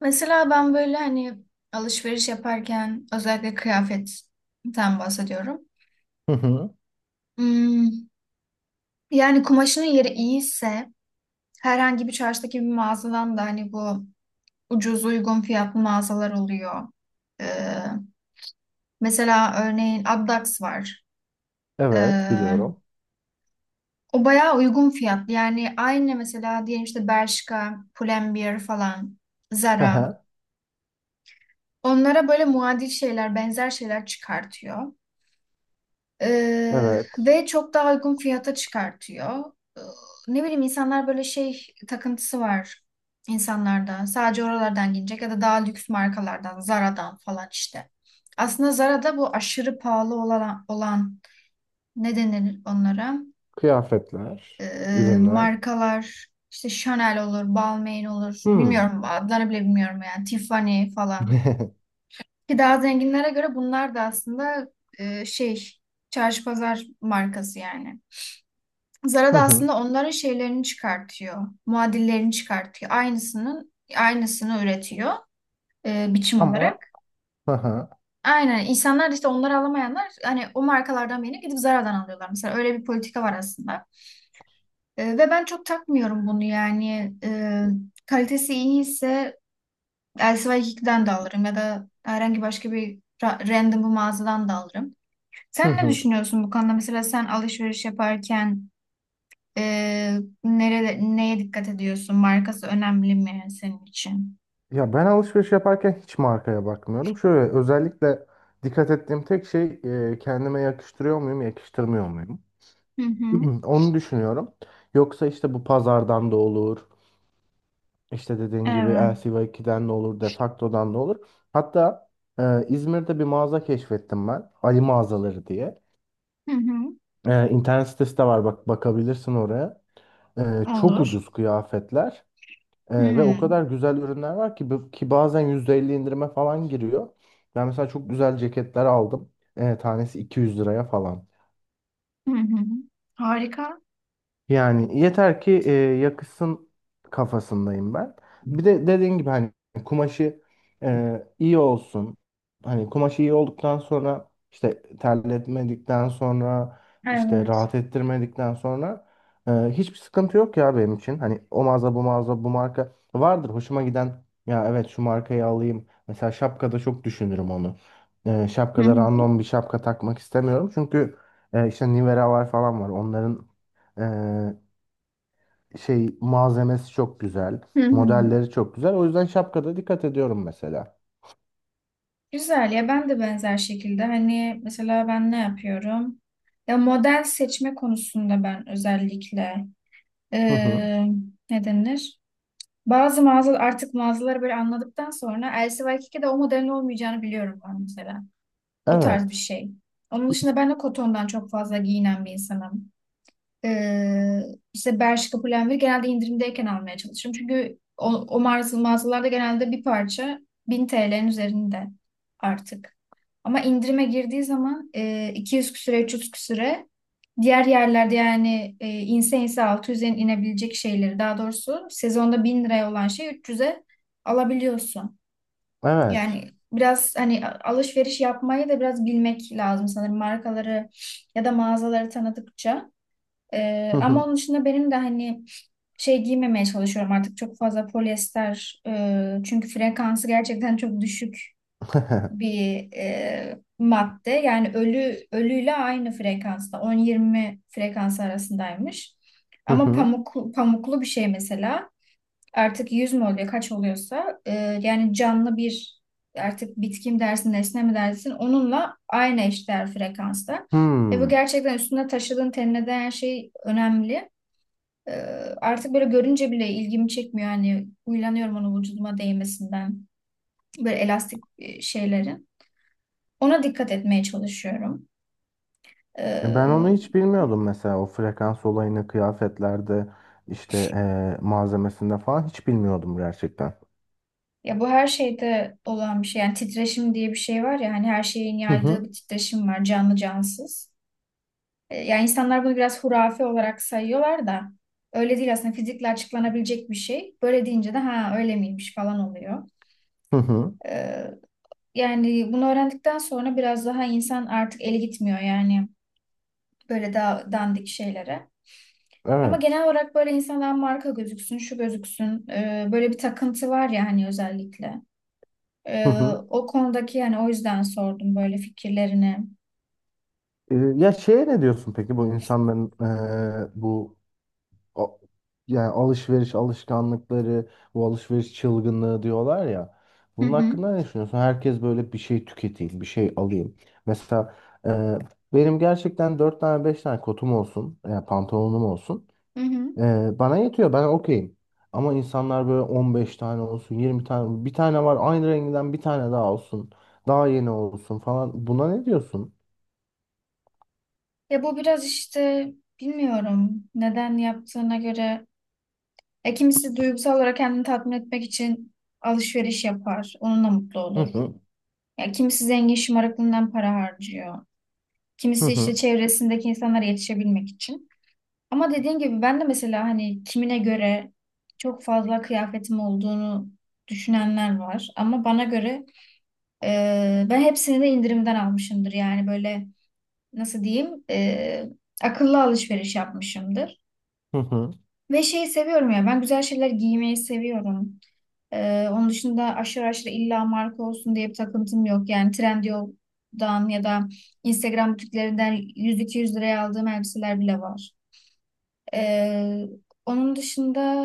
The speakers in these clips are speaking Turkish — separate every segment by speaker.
Speaker 1: Mesela ben böyle hani alışveriş yaparken özellikle kıyafetten bahsediyorum.
Speaker 2: Hı hı.
Speaker 1: Hmm, Yani kumaşının yeri iyiyse herhangi bir çarşıdaki bir mağazadan da hani bu ucuz uygun fiyatlı mağazalar oluyor. Ee, mesela örneğin Addax var. Ee,
Speaker 2: Evet, biliyorum.
Speaker 1: o bayağı uygun fiyatlı. Yani aynı mesela diyelim işte Bershka, Pull&Bear falan,
Speaker 2: Hı
Speaker 1: Zara.
Speaker 2: hı.
Speaker 1: Onlara böyle muadil şeyler, benzer şeyler çıkartıyor. Ee,
Speaker 2: Evet.
Speaker 1: ve çok daha uygun fiyata çıkartıyor. Ne bileyim insanlar böyle şey takıntısı var insanlarda. Sadece oralardan gelecek ya da daha lüks markalardan, Zara'dan falan işte. Aslında Zara'da bu aşırı pahalı olan ne denir onlara?
Speaker 2: Kıyafetler,
Speaker 1: Ee,
Speaker 2: ürünler.
Speaker 1: markalar işte Chanel olur, Balmain olur.
Speaker 2: Hmm.
Speaker 1: Bilmiyorum adlarını bile bilmiyorum yani. Tiffany falan. Ki daha zenginlere göre bunlar da aslında şey, çarşı pazar markası yani. Zara
Speaker 2: Hı
Speaker 1: da
Speaker 2: hı.
Speaker 1: aslında onların şeylerini çıkartıyor. Muadillerini çıkartıyor. Aynısının aynısını üretiyor, biçim
Speaker 2: Ama
Speaker 1: olarak.
Speaker 2: hı hı.
Speaker 1: Aynen. İnsanlar da işte onları alamayanlar hani o markalardan birini gidip Zara'dan alıyorlar. Mesela öyle bir politika var aslında. Ve ben çok takmıyorum bunu yani. Kalitesi iyiyse LC2'den de alırım ya da herhangi başka bir random bir mağazadan da alırım.
Speaker 2: Hı
Speaker 1: Sen ne
Speaker 2: hı.
Speaker 1: düşünüyorsun bu konuda? Mesela sen alışveriş yaparken, nerede, neye dikkat ediyorsun? Markası önemli mi senin için?
Speaker 2: Ya ben alışveriş yaparken hiç markaya bakmıyorum. Şöyle özellikle dikkat ettiğim tek şey kendime yakıştırıyor muyum, yakıştırmıyor muyum?
Speaker 1: Hı hı.
Speaker 2: Onu düşünüyorum. Yoksa işte bu pazardan da olur. İşte dediğin gibi
Speaker 1: Evet.
Speaker 2: lcy ikiden de olur, Defacto'dan da olur. Hatta İzmir'de bir mağaza keşfettim ben. Ali mağazaları diye.
Speaker 1: Hı hı.
Speaker 2: İnternet sitesi de var, bak bakabilirsin oraya. Çok
Speaker 1: Olur.
Speaker 2: ucuz kıyafetler. Ee,
Speaker 1: hı.
Speaker 2: ve o kadar güzel ürünler var ki bazen %50 indirime falan giriyor. Ben mesela çok güzel ceketler aldım. Tanesi 200 liraya falan.
Speaker 1: Hı hı. Harika.
Speaker 2: Yani yeter ki yakışsın kafasındayım ben. Bir de dediğin gibi hani kumaşı iyi olsun. Hani kumaşı iyi olduktan sonra işte terletmedikten sonra işte
Speaker 1: Evet.
Speaker 2: rahat ettirmedikten sonra hiçbir sıkıntı yok ya benim için. Hani o mağaza bu mağaza bu marka vardır hoşuma giden, ya evet şu markayı alayım. Mesela şapkada çok düşünürüm onu. E,
Speaker 1: Hı
Speaker 2: şapkada
Speaker 1: hı.
Speaker 2: random bir şapka takmak istemiyorum. Çünkü işte Nivea var falan var. Onların e, şey, malzemesi çok güzel.
Speaker 1: Hı hı.
Speaker 2: Modelleri çok güzel. O yüzden şapkada dikkat ediyorum mesela.
Speaker 1: Güzel ya, ben de benzer şekilde hani mesela ben ne yapıyorum? Ya model seçme konusunda ben özellikle
Speaker 2: Hı hı.
Speaker 1: eee ne denir? Bazı mağaza artık mağazaları böyle anladıktan sonra LCY2'de o modelin olmayacağını biliyorum ben mesela. O tarz bir
Speaker 2: Evet.
Speaker 1: şey. Onun dışında ben de kotondan çok fazla giyinen bir insanım. Ee, işte Bershka Pull&Bear genelde indirimdeyken almaya çalışırım. Çünkü o mağazalarda genelde bir parça 1000 TL'nin üzerinde artık. Ama indirime girdiği zaman 200 küsüre, 300 küsüre, diğer yerlerde yani, inse inse 600'e inebilecek şeyleri, daha doğrusu sezonda 1000 liraya olan şey 300'e alabiliyorsun.
Speaker 2: Evet.
Speaker 1: Yani biraz hani alışveriş yapmayı da biraz bilmek lazım sanırım, markaları ya da mağazaları tanıdıkça.
Speaker 2: Hı
Speaker 1: Ama
Speaker 2: hı.
Speaker 1: onun dışında benim de hani şey giymemeye çalışıyorum artık, çok fazla polyester, çünkü frekansı gerçekten çok düşük bir, madde. Yani ölü ölüyle aynı frekansta, 10-20 frekans arasındaymış.
Speaker 2: Hı
Speaker 1: Ama
Speaker 2: hı.
Speaker 1: pamuk, pamuklu bir şey mesela artık 100 mü oluyor kaç oluyorsa, yani canlı bir, artık bitki mi dersin nesne mi dersin, onunla aynı eşdeğer frekansta. Ve bu
Speaker 2: Hmm.
Speaker 1: gerçekten üstünde taşıdığın, tenine değen şey önemli. E, artık böyle görünce bile ilgimi çekmiyor. Yani uylanıyorum onun vücuduma değmesinden. Böyle elastik şeylerin. Ona dikkat etmeye çalışıyorum.
Speaker 2: Ben onu
Speaker 1: E,
Speaker 2: hiç bilmiyordum mesela, o frekans olayını kıyafetlerde işte malzemesinde falan hiç bilmiyordum gerçekten.
Speaker 1: ya bu her şeyde olan bir şey. Yani titreşim diye bir şey var ya hani, her şeyin
Speaker 2: Hı
Speaker 1: yaydığı
Speaker 2: hı.
Speaker 1: bir titreşim var, canlı cansız. Yani insanlar bunu biraz hurafe olarak sayıyorlar da öyle değil aslında, fizikle açıklanabilecek bir şey. Böyle deyince de ha öyle miymiş falan oluyor.
Speaker 2: Hı hı.
Speaker 1: E, yani bunu öğrendikten sonra biraz daha insan artık eli gitmiyor yani, böyle daha dandik şeylere. Ama genel
Speaker 2: Evet.
Speaker 1: olarak böyle insandan marka gözüksün, şu gözüksün, böyle bir takıntı var ya hani, özellikle.
Speaker 2: Hı
Speaker 1: E,
Speaker 2: hı.
Speaker 1: o konudaki yani, o yüzden sordum böyle fikirlerini.
Speaker 2: Ya şeye ne diyorsun peki, bu insanların bu a- yani alışveriş alışkanlıkları, bu alışveriş çılgınlığı diyorlar ya.
Speaker 1: Hı
Speaker 2: Bunun
Speaker 1: hı.
Speaker 2: hakkında ne düşünüyorsun? Herkes böyle bir şey tüketeyim, bir şey alayım. Mesela e, benim gerçekten 4 tane 5 tane kotum olsun, pantolonum olsun.
Speaker 1: Hı hı.
Speaker 2: Bana yetiyor, ben okeyim. Ama insanlar böyle 15 tane olsun, 20 tane, bir tane var aynı renginden bir tane daha olsun. Daha yeni olsun falan. Buna ne diyorsun?
Speaker 1: Ya bu biraz işte, bilmiyorum neden yaptığına göre. Kimisi duygusal olarak kendini tatmin etmek için alışveriş yapar. Onunla mutlu
Speaker 2: Hı
Speaker 1: olur.
Speaker 2: hı,
Speaker 1: Ya kimisi zengin şımarıklığından para harcıyor.
Speaker 2: hı
Speaker 1: Kimisi işte
Speaker 2: hı,
Speaker 1: çevresindeki insanlara yetişebilmek için. Ama dediğin gibi ben de mesela hani kimine göre çok fazla kıyafetim olduğunu düşünenler var. Ama bana göre ben hepsini de indirimden almışımdır. Yani böyle nasıl diyeyim, akıllı alışveriş yapmışımdır.
Speaker 2: hı hı.
Speaker 1: Ve şeyi seviyorum ya, ben güzel şeyler giymeyi seviyorum. Onun dışında aşırı aşırı illa marka olsun diye bir takıntım yok. Yani Trendyol'dan ya da Instagram butiklerinden 100-200 liraya aldığım elbiseler bile var. Ee, onun dışında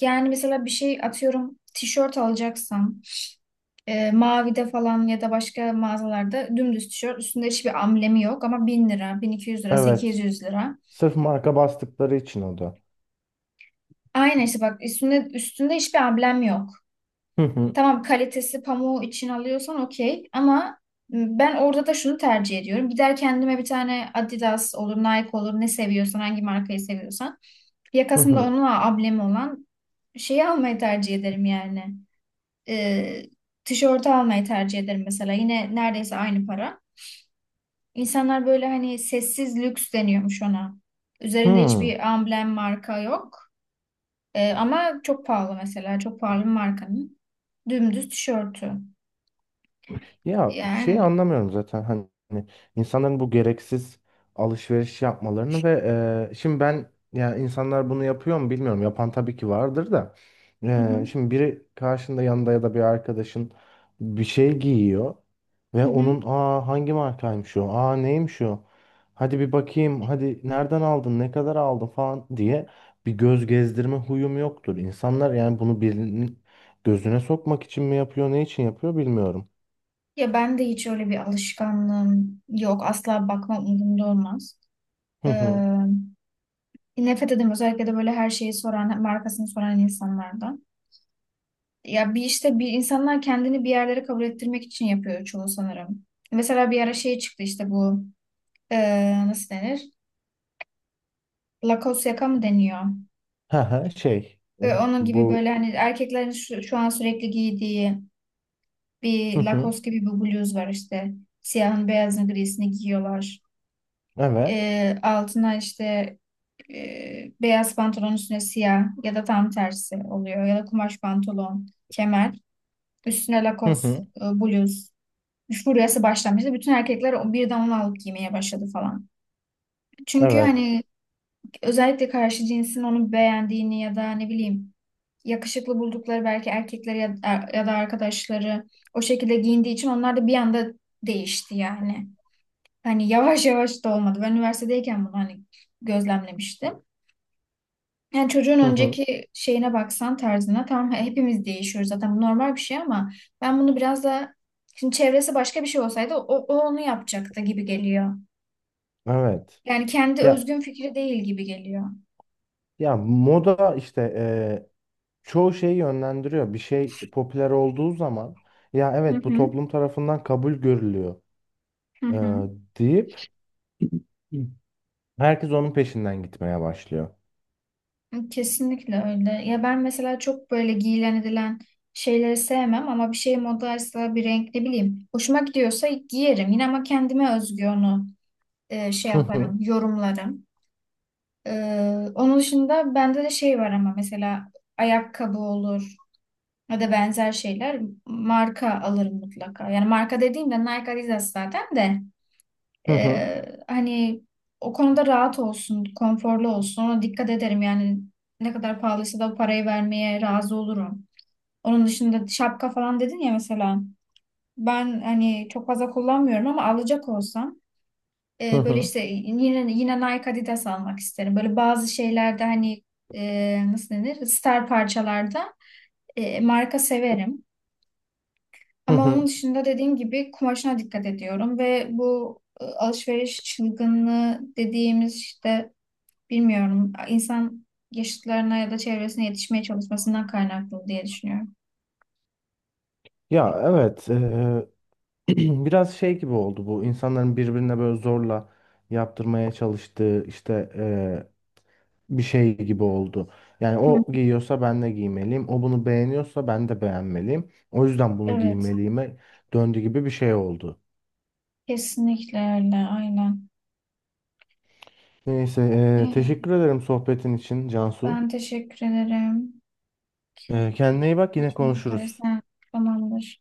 Speaker 1: yani mesela bir şey, atıyorum tişört alacaksam, Mavi'de falan ya da başka mağazalarda, dümdüz tişört üstünde hiçbir amblemi yok ama 1000 lira, 1200 lira,
Speaker 2: Evet.
Speaker 1: 800 lira.
Speaker 2: Sırf marka bastıkları için o da.
Speaker 1: Aynen işte bak, üstünde hiçbir amblem yok.
Speaker 2: Hı hı.
Speaker 1: Tamam, kalitesi pamuğu için alıyorsan okey, ama ben orada da şunu tercih ediyorum. Gider kendime bir tane, Adidas olur Nike olur, ne seviyorsan hangi markayı seviyorsan.
Speaker 2: Hı
Speaker 1: Yakasında
Speaker 2: hı.
Speaker 1: onunla ablemi olan şeyi almayı tercih ederim yani. Ee, tişörtü almayı tercih ederim mesela. Yine neredeyse aynı para. İnsanlar böyle hani, sessiz lüks deniyormuş ona. Üzerinde
Speaker 2: Hı.
Speaker 1: hiçbir amblem, marka yok. Ama çok pahalı mesela. Çok pahalı bir markanın. Dümdüz tişörtü.
Speaker 2: Ya şey,
Speaker 1: Yani.
Speaker 2: anlamıyorum zaten hani insanların bu gereksiz alışveriş yapmalarını ve şimdi ben, ya insanlar bunu yapıyor mu bilmiyorum. Yapan tabii ki vardır da.
Speaker 1: Hı
Speaker 2: E,
Speaker 1: hı.
Speaker 2: şimdi biri karşında yanında ya da bir arkadaşın bir şey giyiyor
Speaker 1: Hı
Speaker 2: ve
Speaker 1: hı.
Speaker 2: onun, aa hangi markaymış o? Aa neymiş o? Hadi bir bakayım. Hadi nereden aldın? Ne kadar aldın falan diye bir göz gezdirme huyum yoktur. İnsanlar yani bunu birinin gözüne sokmak için mi yapıyor, ne için yapıyor bilmiyorum.
Speaker 1: Ya ben de hiç öyle bir alışkanlığım yok. Asla bakmam, umurumda olmaz. Ee, nefret ederim özellikle de böyle her şeyi soran, markasını soran insanlardan. Ya bir işte, bir insanlar kendini bir yerlere kabul ettirmek için yapıyor çoğu sanırım. Mesela bir ara şey çıktı işte bu, nasıl denir? Lacoste yaka mı deniyor?
Speaker 2: Hı hı, şey
Speaker 1: Onun gibi böyle
Speaker 2: bu,
Speaker 1: hani erkeklerin şu an sürekli giydiği
Speaker 2: hı
Speaker 1: bir
Speaker 2: hı,
Speaker 1: Lacoste gibi bir bluz var işte. Siyahın beyazını grisini giyiyorlar.
Speaker 2: evet,
Speaker 1: Altına işte, beyaz pantolon üstüne siyah ya da tam tersi oluyor. Ya da kumaş pantolon, kemer. Üstüne
Speaker 2: hı
Speaker 1: lakos,
Speaker 2: hı,
Speaker 1: bluz. Furyası başlamıştı. Bütün erkekler birden onu alıp giymeye başladı falan. Çünkü
Speaker 2: evet,
Speaker 1: hani özellikle karşı cinsin onu beğendiğini ya da ne bileyim, yakışıklı buldukları belki erkekleri ya, ya da arkadaşları o şekilde giyindiği için onlar da bir anda değişti yani. Hani yavaş yavaş da olmadı. Ben üniversitedeyken bunu hani gözlemlemiştim. Yani çocuğun
Speaker 2: hı hı,
Speaker 1: önceki şeyine baksan, tarzına, tamam hepimiz değişiyoruz zaten, bu normal bir şey, ama ben bunu biraz da, şimdi çevresi başka bir şey olsaydı o onu yapacaktı gibi geliyor.
Speaker 2: evet.
Speaker 1: Yani kendi
Speaker 2: Ya
Speaker 1: özgün fikri değil gibi geliyor.
Speaker 2: ya, moda işte, çoğu şeyi yönlendiriyor. Bir şey popüler olduğu zaman, ya
Speaker 1: Hı
Speaker 2: evet bu
Speaker 1: hı,
Speaker 2: toplum tarafından kabul görülüyor,
Speaker 1: hı
Speaker 2: eee,
Speaker 1: hı.
Speaker 2: deyip herkes onun peşinden gitmeye başlıyor.
Speaker 1: Kesinlikle öyle. Ya ben mesela çok böyle giyilen edilen şeyleri sevmem, ama bir şey modaysa, bir renk ne bileyim hoşuma gidiyorsa giyerim. Yine ama kendime özgü onu, şey
Speaker 2: Hı
Speaker 1: yaparım,
Speaker 2: hı,
Speaker 1: yorumlarım. Onun dışında bende de şey var ama mesela ayakkabı olur ya da benzer şeyler, marka alırım mutlaka. Yani marka dediğimde Nike Adidas zaten de,
Speaker 2: hı hı,
Speaker 1: hani o konuda rahat olsun, konforlu olsun, ona dikkat ederim. Yani ne kadar pahalıysa da o parayı vermeye razı olurum. Onun dışında şapka falan dedin ya mesela, ben hani çok fazla kullanmıyorum ama alacak olsam,
Speaker 2: hı
Speaker 1: böyle
Speaker 2: hı,
Speaker 1: işte yine yine Nike Adidas almak isterim. Böyle bazı şeylerde hani, nasıl denir? Star parçalarda, marka severim.
Speaker 2: hı
Speaker 1: Ama onun
Speaker 2: hı.
Speaker 1: dışında dediğim gibi kumaşına dikkat ediyorum ve bu, alışveriş çılgınlığı dediğimiz işte, bilmiyorum, insan yaşıtlarına ya da çevresine yetişmeye çalışmasından kaynaklı diye düşünüyorum.
Speaker 2: Ya evet, biraz şey gibi oldu, bu insanların birbirine böyle zorla yaptırmaya çalıştığı işte, bir şey gibi oldu. Yani
Speaker 1: Hı.
Speaker 2: o giyiyorsa ben de giymeliyim. O bunu beğeniyorsa ben de beğenmeliyim. O yüzden bunu
Speaker 1: Evet,
Speaker 2: giymeliyime döndü gibi bir şey oldu.
Speaker 1: kesinlikle öyle, aynen.
Speaker 2: Neyse,
Speaker 1: Ee,
Speaker 2: teşekkür ederim sohbetin için Cansu.
Speaker 1: Ben teşekkür ederim.
Speaker 2: Eee,
Speaker 1: Yine
Speaker 2: kendine iyi bak, yine
Speaker 1: görüşmek üzere.
Speaker 2: konuşuruz.
Speaker 1: Tamamdır.